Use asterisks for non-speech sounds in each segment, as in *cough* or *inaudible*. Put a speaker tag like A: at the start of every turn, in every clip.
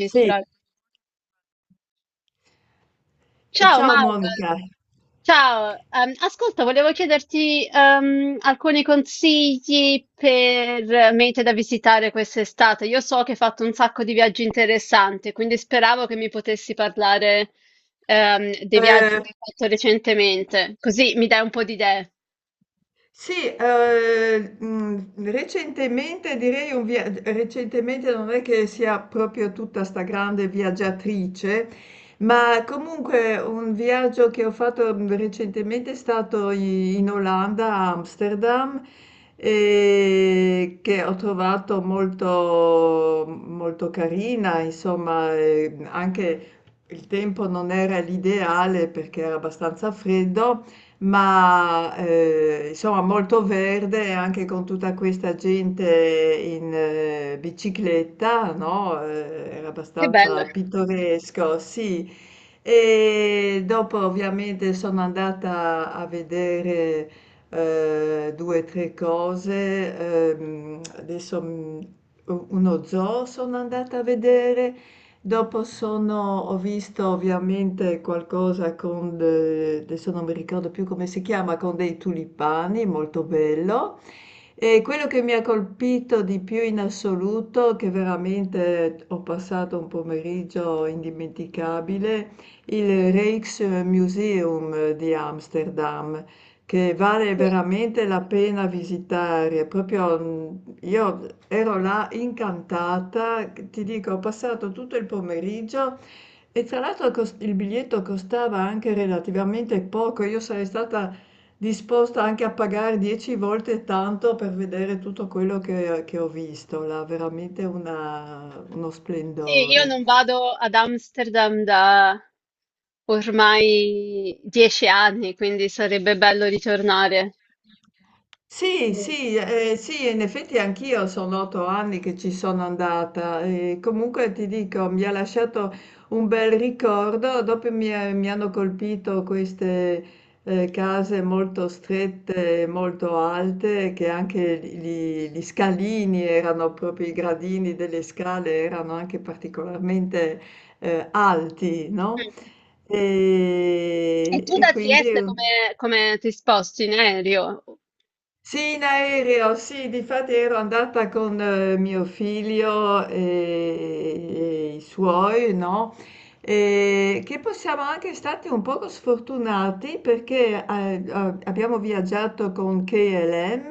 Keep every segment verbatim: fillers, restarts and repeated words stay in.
A: Sì. E
B: Ciao
A: ciao
B: Maura,
A: Monica.
B: ciao. Ehm, ascolta, volevo chiederti ehm, alcuni consigli per mete da visitare quest'estate. Io so che hai fatto un sacco di viaggi interessanti, quindi speravo che mi potessi parlare ehm, dei viaggi
A: eh,
B: che hai fatto recentemente, così mi dai un po' di idee.
A: Sì, ehm, mhmm, recentemente direi un via recentemente non è che sia proprio tutta 'sta grande viaggiatrice, ma comunque un viaggio che ho fatto, mhmm, recentemente è stato i in Olanda, a Amsterdam, ehm, che ho trovato molto molto carina, insomma. Ehm, anche il tempo non era l'ideale perché era abbastanza freddo, ma eh, insomma molto verde anche con tutta questa gente in eh, bicicletta, no? Eh, era
B: Che bello.
A: abbastanza pittoresco, sì. E dopo ovviamente sono andata a vedere eh, due o tre cose. ehm, adesso mm, Uno zoo sono andata a vedere. Dopo sono ho visto ovviamente qualcosa con de adesso non mi ricordo più come si chiama, con dei tulipani, molto bello. E quello che mi ha colpito di più in assoluto, che veramente ho passato un pomeriggio indimenticabile, il Rijksmuseum di Amsterdam, che vale
B: Sì,
A: veramente la pena visitare. Proprio mh, io ero là incantata, che ti dico, ho passato tutto il pomeriggio, e tra l'altro cos- il biglietto costava anche relativamente poco. Io sarei stata disposta anche a pagare dieci volte tanto per vedere tutto quello che, che ho visto là, veramente una- uno
B: sì, io
A: splendore.
B: non vado ad Amsterdam da ormai dieci anni, quindi sarebbe bello ritornare.
A: Sì, sì, eh, sì, in effetti anch'io sono otto anni che ci sono andata, e comunque ti dico, mi ha lasciato un bel ricordo. Dopo mi, eh, mi hanno colpito queste eh, case molto strette, molto alte, che anche gli, gli scalini, erano proprio i gradini delle scale, erano anche particolarmente eh, alti, no?
B: Mm. E
A: E,
B: tu
A: e
B: da Trieste
A: quindi...
B: come, come ti sposti in aereo?
A: Sì, in aereo, sì, difatti ero andata con eh, mio figlio e, e i suoi, no? E che possiamo anche stati un poco sfortunati perché eh, eh, abbiamo viaggiato con K L M,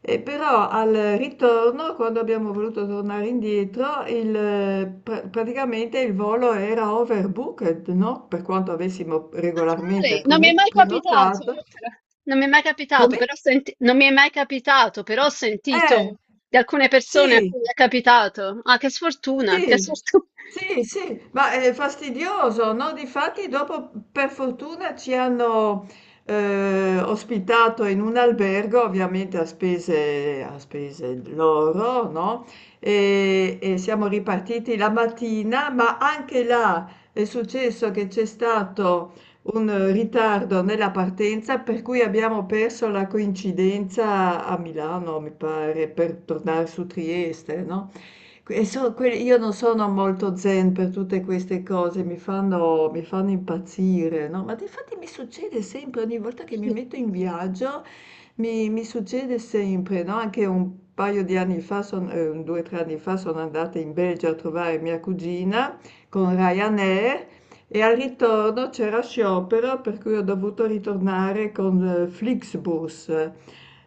A: e però al ritorno, quando abbiamo voluto tornare indietro, il, eh, pr- praticamente il volo era overbooked, no? Per quanto avessimo
B: Ah,
A: regolarmente
B: dai, non mi è
A: prone-
B: mai capitato,
A: prenotato.
B: però. Non mi è mai
A: Come?
B: capitato, però senti- non mi è mai capitato, però ho
A: Eh,
B: sentito di alcune persone a
A: sì,
B: cui è capitato. Ah, che sfortuna, che
A: sì,
B: sfortuna.
A: sì, sì, ma è fastidioso, no? Difatti dopo per fortuna ci hanno eh, ospitato in un albergo, ovviamente a spese, a spese loro, no? E, e siamo ripartiti la mattina, ma anche là è successo che c'è stato un ritardo nella partenza, per cui abbiamo perso la coincidenza a Milano, mi pare, per tornare su Trieste, no? E so- que- io non sono molto zen per tutte queste cose, mi fanno, mi fanno impazzire, no? Ma infatti mi succede sempre, ogni volta che mi
B: *laughs*
A: metto in viaggio, mi, mi succede sempre, no? Anche un paio di anni fa, son- eh, un due o tre anni fa, sono andata in Belgio a trovare mia cugina con Ryanair, e al ritorno c'era sciopero, per cui ho dovuto ritornare con eh, Flixbus,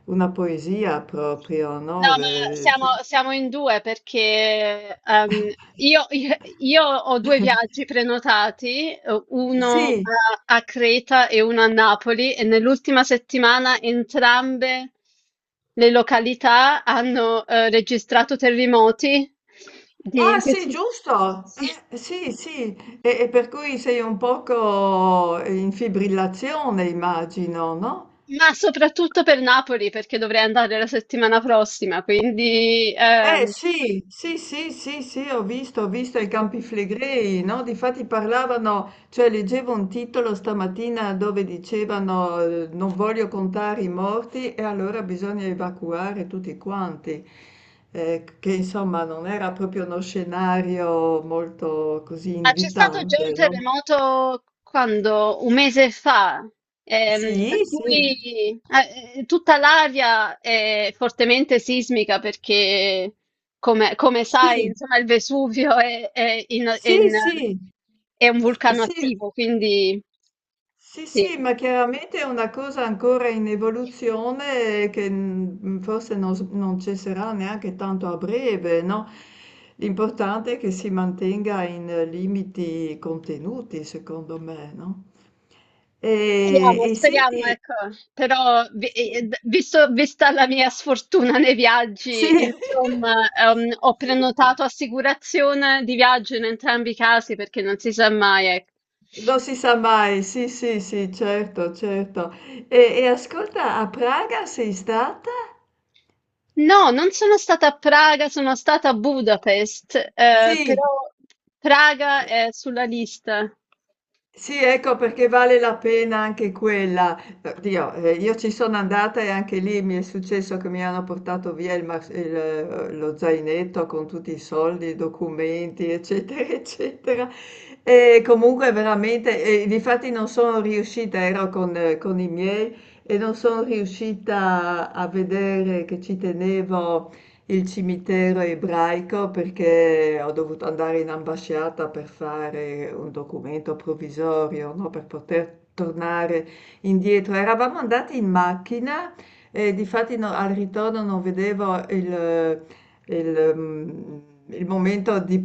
A: una poesia proprio,
B: No,
A: no?
B: ma
A: Eh,
B: siamo, siamo in due perché ehm, io, io io ho due viaggi prenotati, eh, uno
A: sì.
B: a, a Creta e uno a Napoli, e nell'ultima settimana entrambe le località hanno eh, registrato terremoti, di-
A: Ah
B: di-
A: sì,
B: sì.
A: giusto,
B: Sì,
A: eh, sì, sì, e, e per cui sei un poco in fibrillazione, immagino, no?
B: ma soprattutto per Napoli perché dovrei andare la settimana prossima, quindi
A: Eh
B: ehm,
A: sì, sì, sì, sì, sì, ho visto, ho visto i Campi Flegrei, no? Difatti parlavano, cioè leggevo un titolo stamattina dove dicevano eh, non voglio contare i morti e allora bisogna evacuare tutti quanti. Eh, che insomma non era proprio uno scenario molto così
B: ma c'è stato già un
A: invitante, no?
B: terremoto quando? Un mese fa, ehm,
A: Sì,
B: per
A: sì,
B: cui eh, eh, tutta l'area è fortemente sismica perché, come, come sai,
A: sì,
B: insomma, il Vesuvio è, è in- è
A: sì,
B: in-
A: sì,
B: è un
A: s-
B: vulcano
A: sì.
B: attivo, quindi
A: Sì,
B: sì.
A: sì, ma chiaramente è una cosa ancora in evoluzione e che mm, forse non, s- non cesserà neanche tanto a breve, no? L'importante è che si mantenga in eh, limiti contenuti, secondo me, no? E,
B: Speriamo,
A: e
B: speriamo,
A: senti,
B: ecco, però vi- eh, visto- vista la mia sfortuna nei
A: sì,
B: viaggi,
A: *laughs*
B: insomma, ehm, ho prenotato assicurazione di viaggio in entrambi i casi perché non si sa mai, ecco.
A: non si sa mai, sì, sì, sì, certo, certo. E, e ascolta, a Praga sei stata?
B: No, non sono stata a Praga, sono stata a Budapest, eh,
A: Sì.
B: però Praga è sulla lista.
A: Sì, ecco, perché vale la pena anche quella. Oddio, eh, io ci sono andata, e anche lì mi è successo che mi hanno portato via il mas- il, eh, lo zainetto con tutti i soldi, i documenti, eccetera, *laughs* eccetera. E comunque veramente, e difatti non sono riuscita, ero con, eh, con i miei, e non sono riuscita a vedere, che ci tenevo, il cimitero ebraico, perché ho dovuto andare in ambasciata per fare un documento provvisorio, no, per poter tornare indietro. Eravamo andati in macchina, e difatti no- al ritorno non vedevo il, il, mm, il momento di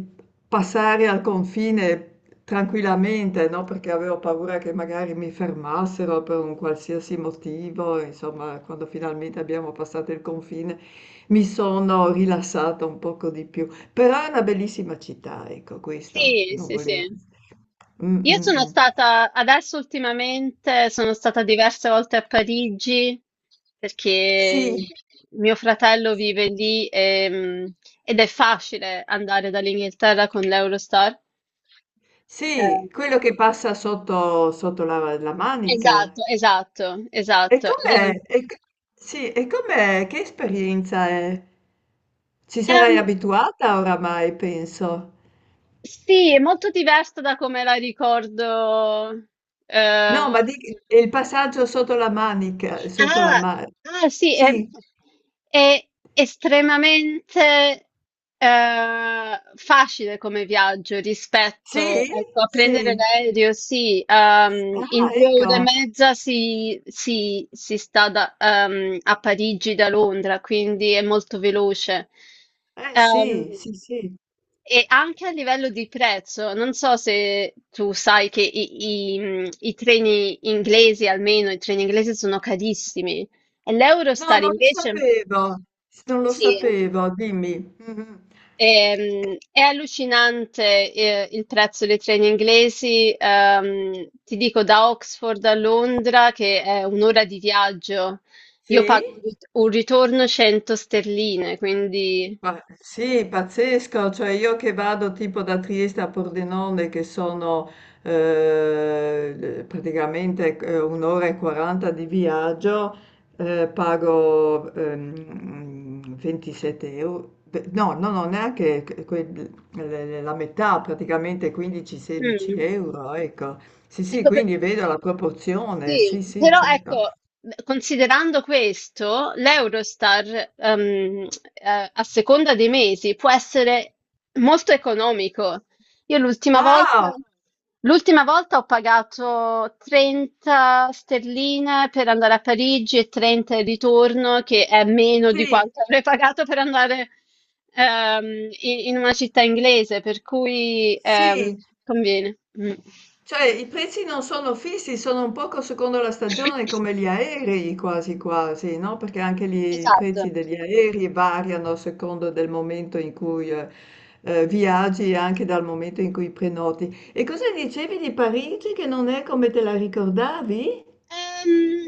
A: passare al confine. Tranquillamente, no? Perché avevo paura che magari mi fermassero per un qualsiasi motivo, insomma, quando finalmente abbiamo passato il confine, mi sono rilassata un poco di più, però è una bellissima città, ecco, questo
B: Sì,
A: non
B: sì,
A: volevo.
B: sì.
A: Mm,
B: Io
A: mm,
B: sono
A: mm.
B: stata, adesso ultimamente, sono stata diverse volte a Parigi perché
A: Sì,
B: mio fratello vive lì e, mh, ed è facile andare dall'Inghilterra con l'Eurostar. Eh,
A: sì, quello che passa sotto, sotto la, la manica.
B: esatto, esatto,
A: E
B: esatto. Ed è-
A: com'è? E, c- sì, e com'è? Che esperienza è? Ci
B: ehm,
A: sarai abituata oramai, penso.
B: sì, è molto diversa da come la ricordo.
A: No,
B: eh,
A: ma di, e il passaggio sotto la manica, sotto la
B: Ah,
A: manica.
B: ah, sì, è,
A: Sì,
B: è estremamente eh, facile come viaggio rispetto,
A: sì,
B: ecco, a prendere
A: sì.
B: l'aereo, sì, ehm, in
A: Ah,
B: due ore e
A: ecco.
B: mezza si, si- si sta da- ehm, a Parigi da Londra, quindi è molto veloce.
A: Eh
B: Ehm,
A: sì, sì, sì.
B: e anche a livello di prezzo, non so se tu sai che i, i- mh, i treni inglesi, almeno i treni inglesi, sono carissimi. E
A: No,
B: l'Eurostar
A: non lo
B: invece,
A: sapevo, s non lo
B: sì,
A: sapevo, dimmi. Mh-mh. Eh,
B: ehm, è allucinante, eh, il prezzo dei treni inglesi. Ehm, ti dico, da Oxford a Londra, che è un'ora di viaggio, io pago un
A: sì?
B: rit- un ritorno cento sterline, quindi...
A: Ma sì, pazzesco, cioè io che vado tipo da Trieste a Pordenone, che sono eh, praticamente eh, un'ora e quaranta di viaggio, eh, pago ehm, ventisette euro. Beh, no, no, no, neanche que- que- le- le- la metà, praticamente quindici-16
B: Mm,
A: euro, ecco. Sì, sì,
B: ecco.
A: quindi vedo la proporzione,
B: Sì,
A: sì, sì,
B: però
A: certo.
B: ecco, considerando questo, l'Eurostar, ehm, eh, a seconda dei mesi, può essere molto economico. Io l'ultima volta,
A: Ah,
B: l'ultima volta ho pagato trenta sterline per andare a Parigi e trenta in ritorno, che è meno di
A: sì,
B: quanto *laughs* avrei pagato per andare, ehm, in, in una città inglese, per cui,
A: sì.
B: ehm, conviene. Mm.
A: Cioè i prezzi non sono fissi, sono un poco secondo la stagione come
B: *coughs*
A: gli aerei, quasi quasi, no? Perché anche lì i
B: Esatto.
A: prezzi degli aerei variano a secondo del momento in cui eh, eh, viaggi, e anche dal momento in cui prenoti. E cosa dicevi di Parigi che non è come te la ricordavi?
B: Ehm,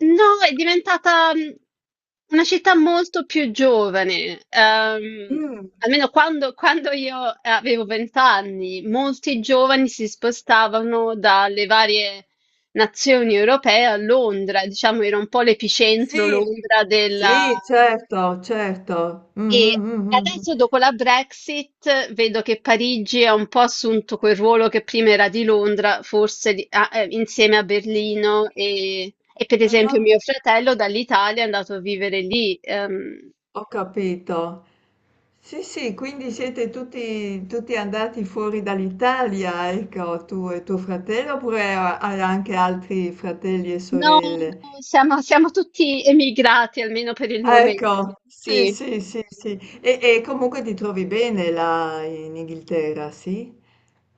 B: no, è diventata mm, una città molto più giovane. Ehm,
A: Mm,
B: almeno quando, quando io avevo vent'anni, molti giovani si spostavano dalle varie nazioni europee a Londra, diciamo, era un po' l'epicentro
A: sì.
B: Londra della,
A: Sì, certo, certo. Mm, mm,
B: e
A: mm, mm. Mm.
B: adesso dopo la Brexit vedo che Parigi ha un po' assunto quel ruolo che prima era di Londra, forse di- ah, eh, insieme a Berlino e, e per esempio
A: Ah.
B: mio fratello dall'Italia è andato a vivere lì. Ehm,
A: Ho capito. Sì, sì, quindi siete tutti, tutti, andati fuori dall'Italia, ecco, tu e tuo fratello, oppure ha- hai anche altri fratelli e
B: no,
A: sorelle?
B: no, siamo, siamo tutti emigrati almeno per il
A: Ah.
B: momento,
A: Ecco, sì,
B: sì.
A: sì, sì, sì. E, e comunque ti trovi bene là in Inghilterra, sì?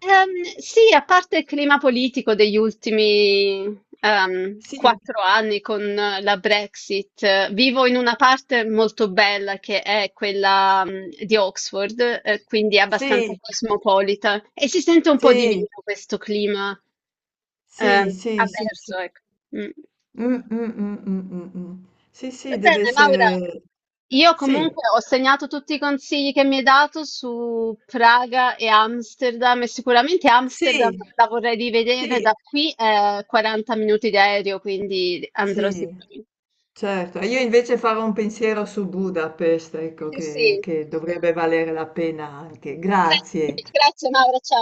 B: Ehm, sì, a parte il clima politico degli ultimi ehm,
A: Sì,
B: quattro anni con eh, la Brexit, eh, vivo in una parte molto bella che è quella mh, di Oxford, eh, quindi è abbastanza
A: sì,
B: cosmopolita e si sente un po' di meno
A: sì,
B: questo clima
A: sì,
B: ehm,
A: sì, sì,
B: avverso,
A: sì.
B: ecco. Mm.
A: Mm, mm, mm, mm, mm, mm. Sì,
B: Va
A: sì, deve
B: bene, Laura.
A: essere...
B: Io
A: Sì,
B: comunque ho segnato tutti i consigli che mi hai dato su Praga e Amsterdam e sicuramente Amsterdam
A: sì,
B: la vorrei rivedere,
A: sì.
B: da qui è quaranta minuti di aereo, quindi andrò
A: Sì,
B: sicuramente.
A: certo. E io invece farò un pensiero su Budapest, ecco,
B: Eh
A: che,
B: sì,
A: che dovrebbe valere la pena anche.
B: grazie,
A: Grazie.
B: grazie Laura, ciao.